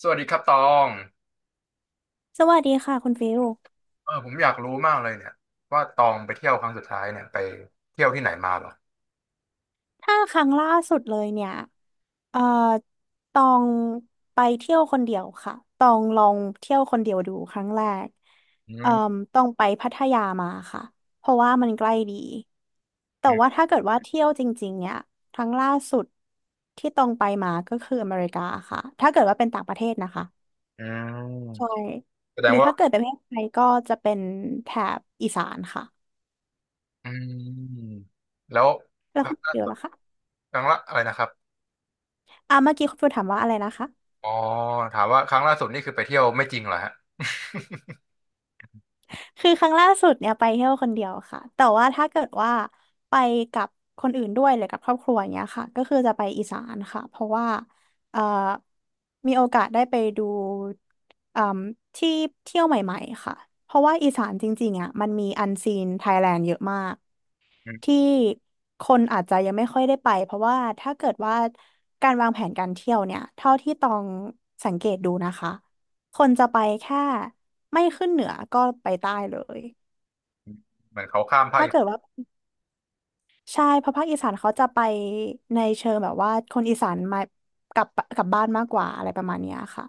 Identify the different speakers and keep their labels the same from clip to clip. Speaker 1: สวัสดีครับตอง
Speaker 2: สวัสดีค่ะคุณฟิล
Speaker 1: ผมอยากรู้มากเลยเนี่ยว่าตองไปเที่ยวครั้งสุดท้ายเนี่ยไปเที่ยวที่ไหนมาเหรอ
Speaker 2: ถ้าครั้งล่าสุดเลยเนี่ยเอ่อตองไปเที่ยวคนเดียวค่ะตองลองเที่ยวคนเดียวดูครั้งแรก
Speaker 1: อื
Speaker 2: เอ่อ
Speaker 1: ม
Speaker 2: ต้องไปพัทยามาค่ะเพราะว่ามันใกล้ดีแต่
Speaker 1: อื
Speaker 2: ว่า
Speaker 1: ม
Speaker 2: ถ้าเกิดว่าเที่ยวจริงๆเนี่ยครั้งล่าสุดที่ตองไปมาก็คืออเมริกาค่ะถ้าเกิดว่าเป็นต่างประเทศนะคะ
Speaker 1: อื
Speaker 2: ใช่
Speaker 1: มแสด
Speaker 2: ห
Speaker 1: ง
Speaker 2: รือ
Speaker 1: ว่า
Speaker 2: ถ้าเกิดเป็นประเทศไทยก็จะเป็นแถบอีสานค่ะ
Speaker 1: อืมแล้ว
Speaker 2: แล้ว
Speaker 1: ครั้
Speaker 2: คุ
Speaker 1: ง
Speaker 2: ณ
Speaker 1: ล่า
Speaker 2: ฟิล
Speaker 1: สุด
Speaker 2: ล่ะคะ
Speaker 1: ครั้งละอะไรนะครับ
Speaker 2: เมื่อกี้คุณฟิลถามว่าอะไรนะคะ
Speaker 1: อ๋อถามว่าครั้งล่าสุดนี่คือไปเที่ยวไม่จริงเหรอฮะ
Speaker 2: คือครั้งล่าสุดเนี่ยไปเที่ยวคนเดียวค่ะแต่ว่าถ้าเกิดว่าไปกับคนอื่นด้วยหรือกับครอบครัวอย่างเงี้ยค่ะก็คือจะไปอีสานค่ะเพราะว่าเอ่อมีโอกาสได้ไปดูเอ่มที่เที่ยวใหม่ๆค่ะเพราะว่าอีสานจริงๆอ่ะมันมีอันซีนไทยแลนด์เยอะมาก
Speaker 1: อื
Speaker 2: ที่
Speaker 1: ม
Speaker 2: คนอาจจะยังไม่ค่อยได้ไปเพราะว่าถ้าเกิดว่าการวางแผนการเที่ยวเนี่ยเท่าที่ตองสังเกตดูนะคะคนจะไปแค่ไม่ขึ้นเหนือก็ไปใต้เลย
Speaker 1: เหมือนเขาข้ามภาค
Speaker 2: ถ้า
Speaker 1: อี
Speaker 2: เกิด
Speaker 1: สาน
Speaker 2: ว่าใช่เพราะภาคอีสานเขาจะไปในเชิงแบบว่าคนอีสานมากลับบ้านมากกว่าอะไรประมาณเนี้ยค่ะ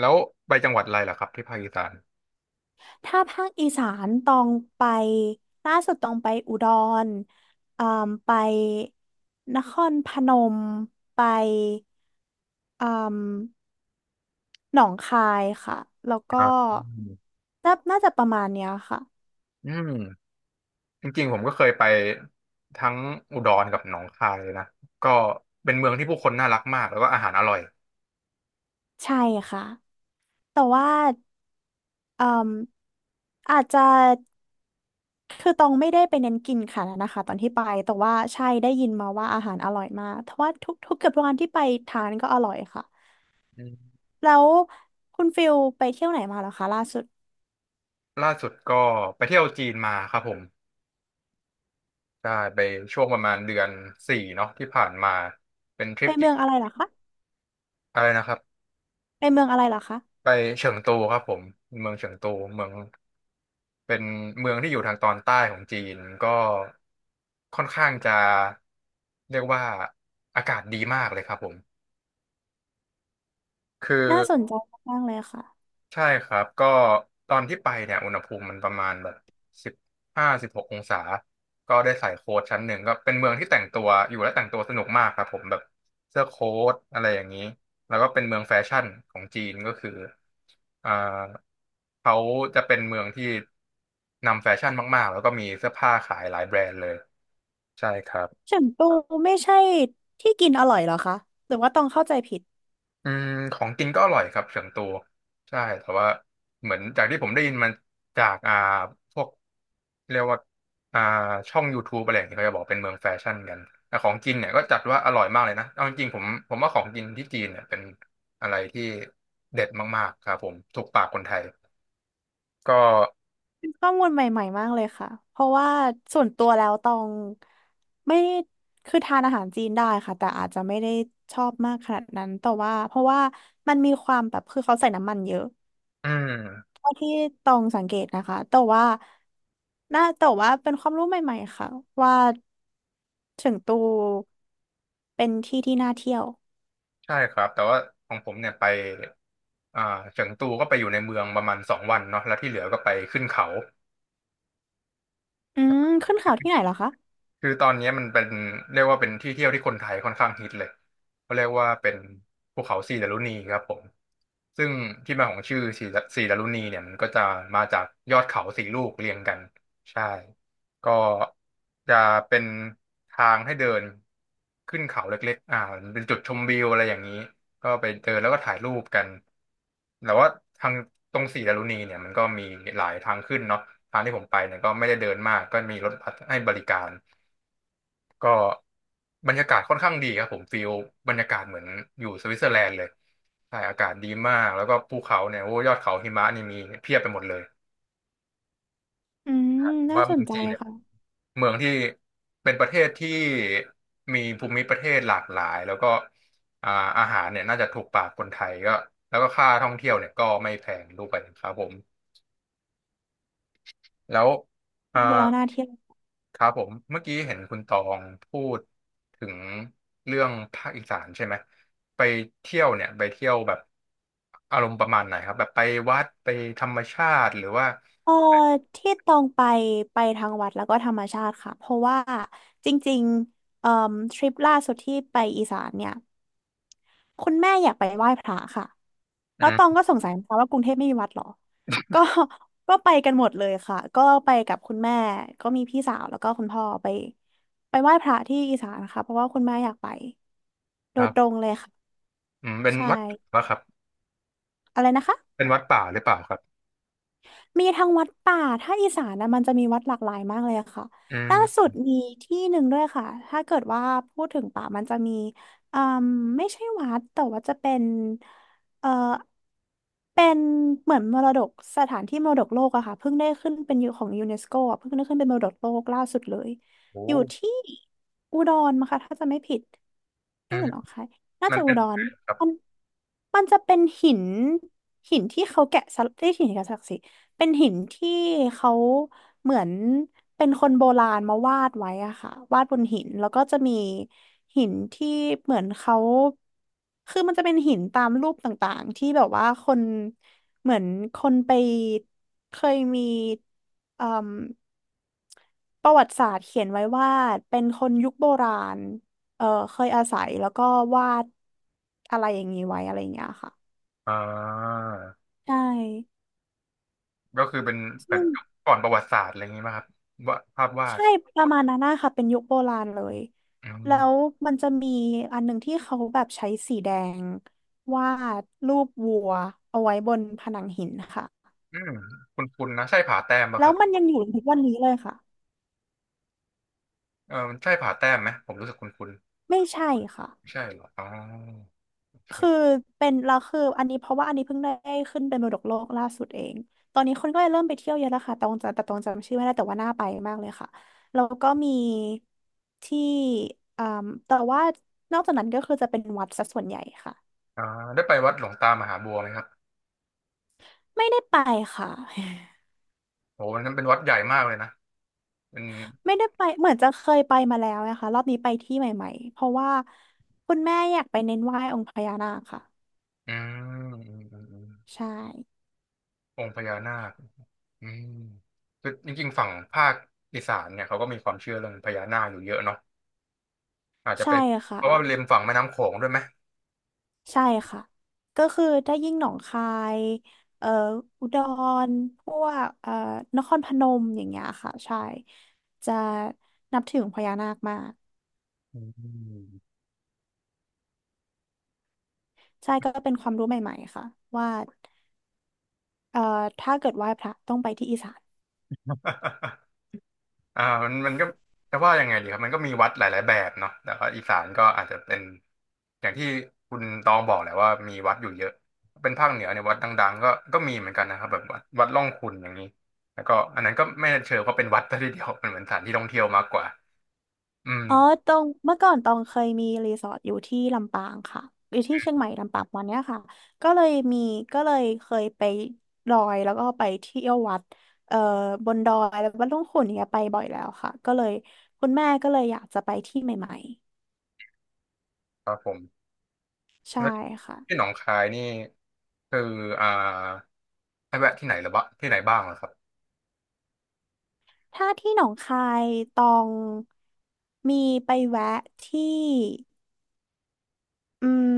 Speaker 1: แล้วไปจังหวัดอะไรเหรอครับที่ภาคอีสาน
Speaker 2: ถ้าภาคอีสานต้องไปล่าสุดต้องไปอุดรเอ่มไปนครพนมไปเอ่มหนองคายค่ะแล้วก็
Speaker 1: อ่าอืม
Speaker 2: น่าน่าจะประมาณเนี้ยค่ะ
Speaker 1: อืมจริงๆผมก็เคยไปทั้งอุดรกับหนองคายเลยนะก็เป็นเมืองที่ผู้คนน่ารักมากแล้วก็อาหารอร่อย
Speaker 2: ใช่ค่ะแต่ว่าเอ่มอาจจะ คือตองไม่ได้ไปเน้นกินค่ะนะคะตอนที่ไปแต่ว่าใช่ได้ยินมาว่าอาหารอร่อยมากเพราะว่าทุกเกือบทุกวันที่ไปทานก็อร่อยค่ะแล้วคุณฟิลไปเที่ยวไหนมาเหรอคะล่าสุด
Speaker 1: ล่าสุดก็ไปเที่ยวจีนมาครับผมใช่ไปช่วงประมาณเดือนสี่เนาะที่ผ่านมา เป็นทริ
Speaker 2: ไป
Speaker 1: ปที่
Speaker 2: เมืองอะไรเหรอคะ
Speaker 1: อะไรนะครับ
Speaker 2: ไปเมืองอะไรเหรอคะ
Speaker 1: ไปเฉิงตูครับผม เมืองเฉิงตูเมืองเป็นเมืองที่อยู่ทางตอนใต้ของจีนก็ค่อนข้างจะเรียกว่าอากาศดีมากเลยครับผมคือ
Speaker 2: น่าสนใจมากๆเลยค่ะ
Speaker 1: ใช่ครับก็ตอนที่ไปเนี่ยอุณหภูมิมันประมาณแบบสิบห้าสิบหกองศาก็ได้ใส่โค้ทชั้นหนึ่งก็เป็นเมืองที่แต่งตัวอยู่และแต่งตัวสนุกมากครับผมแบบเสื้อโค้ทอะไรอย่างนี้แล้วก็เป็นเมืองแฟชั่นของจีนก็คืออ่าเขาจะเป็นเมืองที่นำแฟชั่นมากๆแล้วก็มีเสื้อผ้าขายหลายแบรนด์เลยใช่ครับ
Speaker 2: เฉิงตูไม่ใช่ที่กินอร่อยเหรอคะหรือว่าตองเข้าใจผิด
Speaker 1: อืมของกินก็อร่อยครับเฉิงตูใช่แต่ว่าเหมือนจากที่ผมได้ยินมันจากพวกเรียกว่าอ่าช่อง YouTube อะไรอย่างเงี้ยเขาจะบอกเป็นเมืองแฟชั่นกันแต่ของกินเนี่ยก็จัดว่าอร่อยมากเลยนะเอาจริงๆผมว่าของกินที่จีนเนี่ยเป็นอะไรที่เด็ดมากๆครับผมถูกปากคนไทยก็
Speaker 2: ข้อมูลใหม่ๆมากเลยค่ะเพราะว่าส่วนตัวแล้วตองไม่คือทานอาหารจีนได้ค่ะแต่อาจจะไม่ได้ชอบมากขนาดนั้นแต่ว่าเพราะว่ามันมีความแบบคือเขาใส่น้ำมันเยอะ
Speaker 1: อืม
Speaker 2: เท่าที่ตองสังเกตนะคะแต่ว่าน่าแต่ว่าเป็นความรู้ใหม่ๆ ค่ะว่าเฉิงตูเป็นที่ที่น่าเที่ยว
Speaker 1: ใช่ครับแต่ว่าของผมเนี่ยไปอ่าเฉิงตูก็ไปอยู่ในเมืองประมาณสองวันเนาะแล้วที่เหลือก็ไปขึ้นเขา
Speaker 2: อืมขึ้นเขาที่ไหนเหรอคะ
Speaker 1: คือตอนนี้มันเป็นเรียกว่าเป็นที่เที่ยวที่คนไทยค่อนข้างฮิตเลยเขาเรียกว่าเป็นภูเขาสีดารุณีครับผมซึ่งที่มาของชื่อสีดารุณีเนี่ยมันก็จะมาจากยอดเขาสี่ลูกเรียงกันใช่ก็จะเป็นทางให้เดินขึ้นเขาเล็กๆมันเป็นจุดชมวิวอะไรอย่างนี้ก็ไปเดินแล้วก็ถ่ายรูปกันแต่ว่าทางตรงสีดารุณีเนี่ยมันก็มีหลายทางขึ้นเนาะทางที่ผมไปเนี่ยก็ไม่ได้เดินมากก็มีรถบัสให้บริการ ก็บรรยากาศค่อนข้างดีครับผมฟีลบรรยากาศเหมือนอยู่สวิตเซอร์แลนด์เลยใช่อากาศดีมากแล้วก็ภูเขาเนี่ยโอ้ยอดเขาหิมะนี่มีเพียบไปหมดเลย
Speaker 2: อืมน่า
Speaker 1: ว่า
Speaker 2: ส
Speaker 1: เมื
Speaker 2: น
Speaker 1: อง
Speaker 2: ใจ
Speaker 1: จีนเนี่ย
Speaker 2: ค่ะ
Speaker 1: เมืองที่เป็นประเทศที่มีภูมิประเทศหลากหลายแล้วก็อ่าอาหารเนี่ยน่าจะถูกปากคนไทยก็แล้วก็ค่าท่องเที่ยวเนี่ยก็ไม่แพงด้วยครับผมแล้ว
Speaker 2: ฟั
Speaker 1: อ่า
Speaker 2: งดูแล้วน่าเที่ยว
Speaker 1: ครับผมเมื่อกี้เห็นคุณตองพูดถึงเรื่องภาคอีสานใช่ไหมไปเที่ยวเนี่ยไปเที่ยวแบบอารมณ์ประมาณไหนครับแบบไปวัดไปธรรมชาติหรือว่า
Speaker 2: เออที่ตองไปไปทางวัดแล้วก็ธรรมชาติค่ะเพราะว่าจริงๆทริปล่าสุดที่ไปอีสานเนี่ยคุณแม่อยากไปไหว้พระค่ะ
Speaker 1: อื
Speaker 2: แล้วตอง
Speaker 1: ม
Speaker 2: ก็สงสัยนะคะว่ากรุงเทพไม่มีวัดเหรอก็ ก็ไปกันหมดเลยค่ะก็ไปกับคุณแม่ก็มีพี่สาวแล้วก็คุณพ่อไปไปไหว้พระที่อีสานค่ะเพราะว่าคุณแม่อยากไปโด
Speaker 1: ครั
Speaker 2: ยตร
Speaker 1: บ
Speaker 2: งเลยค่ะ
Speaker 1: อืมเป็น
Speaker 2: ใช
Speaker 1: วัด
Speaker 2: ่
Speaker 1: ป่าครับ
Speaker 2: อะไรนะคะ
Speaker 1: เป็นวัดป่าหรือเปล่าครับ
Speaker 2: มีทั้งวัดป่า ถ้าอีสานนะมันจะมีวัดหลากหลายมากเลยอะค่ะ
Speaker 1: อื
Speaker 2: ล่าสุ
Speaker 1: ม
Speaker 2: ดมีที่หนึ่งด้วยค่ะ ถ้าเกิดว่าพูดถึงป่ามันจะมีอืมไม่ใช่วัดแต่ว่าจะเป็น เอ่อเป็นเหมือนมรดกสถานที่มรดกโลกอะค่ะเพิ่งได้ขึ้นเป็นอยู่ของยูเนสโกอะเพิ่งได้ขึ้นเป็นมรดกโลกล่าสุดเลย
Speaker 1: โอ้
Speaker 2: อยู่ที่อุดรมั้งคะถ้าจะไม่ผิด
Speaker 1: อื
Speaker 2: นี่ห
Speaker 1: ม
Speaker 2: รือหนองคายน่า
Speaker 1: มัน
Speaker 2: จะ
Speaker 1: เป็
Speaker 2: อุ
Speaker 1: น
Speaker 2: ด
Speaker 1: ยัง
Speaker 2: ร
Speaker 1: ไงครับ
Speaker 2: มันมันจะเป็นหินหินที่เขาแกะสลักที่หินแกะสลักสิ เป็นหินที่เขาเหมือนเป็นคนโบราณมาวาดไว้อะค่ะวาดบนหินแล้วก็จะมีหินที่เหมือนเขาคือมันจะเป็นหินตามรูปต่างๆที่แบบว่าคนเหมือนคนไปเคยมีเอ่มประวัติศาสตร์เขียนไว้ว่าเป็นคนยุคโบราณเออเคยอาศัยแล้วก็วาดอะไรอย่างนี้ไว้อะไรอย่างเงี้ยค่ะ
Speaker 1: อ่า
Speaker 2: ใช่
Speaker 1: ก็คือเป็นแบ
Speaker 2: ซึ่
Speaker 1: บ
Speaker 2: ง
Speaker 1: ก่อนประวัติศาสตร์อะไรอย่างนี้ไหมครับวาดภาพวาด
Speaker 2: ใช่ประมาณนั้นนะคะเป็นยุคโบราณเลย
Speaker 1: อื
Speaker 2: แล้ว
Speaker 1: ม
Speaker 2: มันจะมีอันหนึ่งที่เขาแบบใช้สีแดงวาดรูปวัวเอาไว้บนผนังหินค่ะ
Speaker 1: อืมคุณนะใช่ผาแต้มป่ะ
Speaker 2: แล้
Speaker 1: ค
Speaker 2: ว
Speaker 1: รับ
Speaker 2: มันยังอยู่ถึงวันนี้เลยค่ะ
Speaker 1: เออมันใช่ผาแต้มไหมผมรู้สึกคุณ
Speaker 2: ไม่ใช่ค่ะ
Speaker 1: ใช่เหรอโอเค
Speaker 2: คือเป็นเราคืออันนี้เพราะว่าอันนี้เพิ่งได้ขึ้นเป็นมรดกโลกล่าสุดเองตอนนี้คนก็เลยเริ่มไปเที่ยวเยอะแล้วค่ะแต่ตรงจะแต่ตรงจำชื่อไม่ได้แต่ว่าน่าไปมากเลยค่ะแล้วก็มีที่อ่าแต่ว่านอกจากนั้นก็คือจะเป็นวัดซะส่วนใหญ่ค่ะ
Speaker 1: อ่าได้ไปวัดหลวงตามหาบัวไหมครับ
Speaker 2: ไม่ได้ไปค่ะ
Speaker 1: โหวันนั้นเป็นวัดใหญ่มากเลยนะเป็น
Speaker 2: ไม่ได้ไปเหมือนจะเคยไปมาแล้วนะคะรอบนี้ไปที่ใหม่ๆเพราะว่าคุณแม่อยากไปเน้นไหว้องค์พญานาคค่ะ
Speaker 1: อืมอืมอืมอม
Speaker 2: ใช่
Speaker 1: องค์พญานาคอืมคือจริงๆฝั่งภาคอีสานเนี่ยเขาก็มีความเชื่อเรื่องพญานาคอยู่เยอะเนาะอาจจะ
Speaker 2: ใช่
Speaker 1: เป็น
Speaker 2: ค่ะ
Speaker 1: เพราะว่าริมฝั่งแม่น้ำโขงด้วยไหม
Speaker 2: ใช่ค่ะก็คือได้ยิ่งหนองคายเอ่ออุดรพวกนครพนมอย่างเงี้ยค่ะใช่จะนับถือองค์พญานาคมาก
Speaker 1: อืม
Speaker 2: ใช่ก็เป็นความรู้ใหม่ๆค่ะว่าเอ่อถ้าเกิดไหว้พระต้องไปที่อีสาน
Speaker 1: มันก็จะว่ายังไงดีครับมันก็มีวัดหลายๆแบบเนาะแต่ว่าอีสานก็อาจจะเป็นอย่างที่คุณตองบอกแหละว่ามีวัดอยู่เยอะเป็นภาคเหนือเนี่ยวัดดังๆก็ก็มีเหมือนกันนะครับแบบวัดร่องขุ่นอย่างนี้แล้วก็อันนั้นก็ไม่เชิงว่าเป็นวัดซะทีเดียวมันเหมือนสถานที่ท่องเที่ยวมากกว่าอืม
Speaker 2: อ๋อตรงเมื่อก่อนตองเคยมีรีสอร์ทอยู่ที่ลำปางค่ะอยู่ที่เชียงใหม่ลำปางประมันเนี้ยค่ะก็เลยมีก็เลยเคยไปดอยแล้วก็ไปเที่ยววัดเอ่อบนดอยแล้ววัดหลวงขุ่นอย่างเนี้ยไปบ่อยแล้วค่ะก็เลยคุณแม่ก็เลยอยากจะไปที่ใหม่
Speaker 1: ครับผม
Speaker 2: ๆใช่
Speaker 1: แล้ว
Speaker 2: ค่ะ
Speaker 1: ที่หนองคายนี่คืออ่าให้แวะที่ไหนหรือบ้างที่ไหนบ้างเหรอครับ
Speaker 2: ถ้าที่หนองคายตองมีไปแวะที่อืม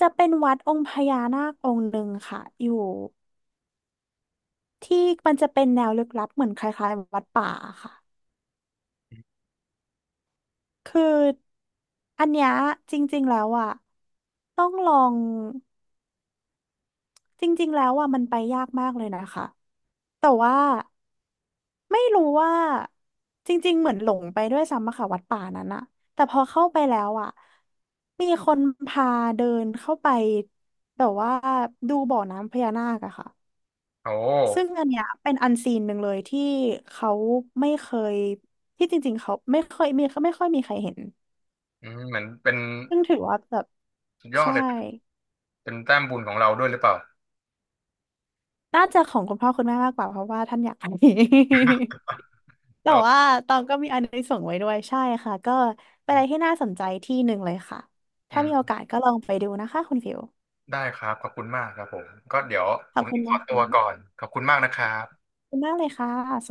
Speaker 2: จะเป็นวัดองค์พญานาคองค์หนึ่งค่ะอยู่ ที่มันจะเป็นแนวลึกลับเหมือนคล้ายๆวัดป่าค่ะ คืออันเนี้ยจริงๆแล้วอ่ะต้องลองจริงๆแล้วอ่ะมันไปยากมากเลยนะคะแต่ว่าไม่รู้ว่าจริงๆเหมือนหลงไปด้วยซ้ำอะค่ะวัดป่านั้นอะแต่พอเข้าไปแล้วอ่ะมีคนพาเดินเข้าไปแต่ว่าดูบ่อน้ำพญานาคอะค่ะ
Speaker 1: โอ้
Speaker 2: ซึ่งอันเนี้ยเป็นอันซีนหนึ่งเลยที่เขาไม่เคยที่จริงๆเขาไม่เคยมีไม่ค่อยมีใครเห็น
Speaker 1: อืมเหมือนเป็น
Speaker 2: ซึ่งถือว่าแบบ
Speaker 1: สุดยอด
Speaker 2: ใช่
Speaker 1: เลยเป็นแต้มบุญของเราด้วยหรือเปล่า
Speaker 2: น่าจะของคุณพ่อคุณแม่มากกว่าเพราะว่าท่านอยากไป แต่
Speaker 1: เออ
Speaker 2: ว่าตองก็มีอันนี้ส่งส์ไว้ด้วยใช่ค่ะก็เป็นอะไรที่น่าสนใจที่หนึ่งเลยค่ะถ้า
Speaker 1: อื
Speaker 2: มีโอ
Speaker 1: ม
Speaker 2: กาสก็ลองไปดูนะคะคุณฟิว
Speaker 1: ได้ครับ ขอบคุณมากครับผม ก็เดี๋ยว
Speaker 2: ข
Speaker 1: ผ
Speaker 2: อบ
Speaker 1: ม
Speaker 2: คุณ
Speaker 1: ขอ
Speaker 2: มาก
Speaker 1: ตัว
Speaker 2: ค่ะ
Speaker 1: ก่อน ขอบคุณมากนะครับ
Speaker 2: ขอบคุณมากเลยค่ะ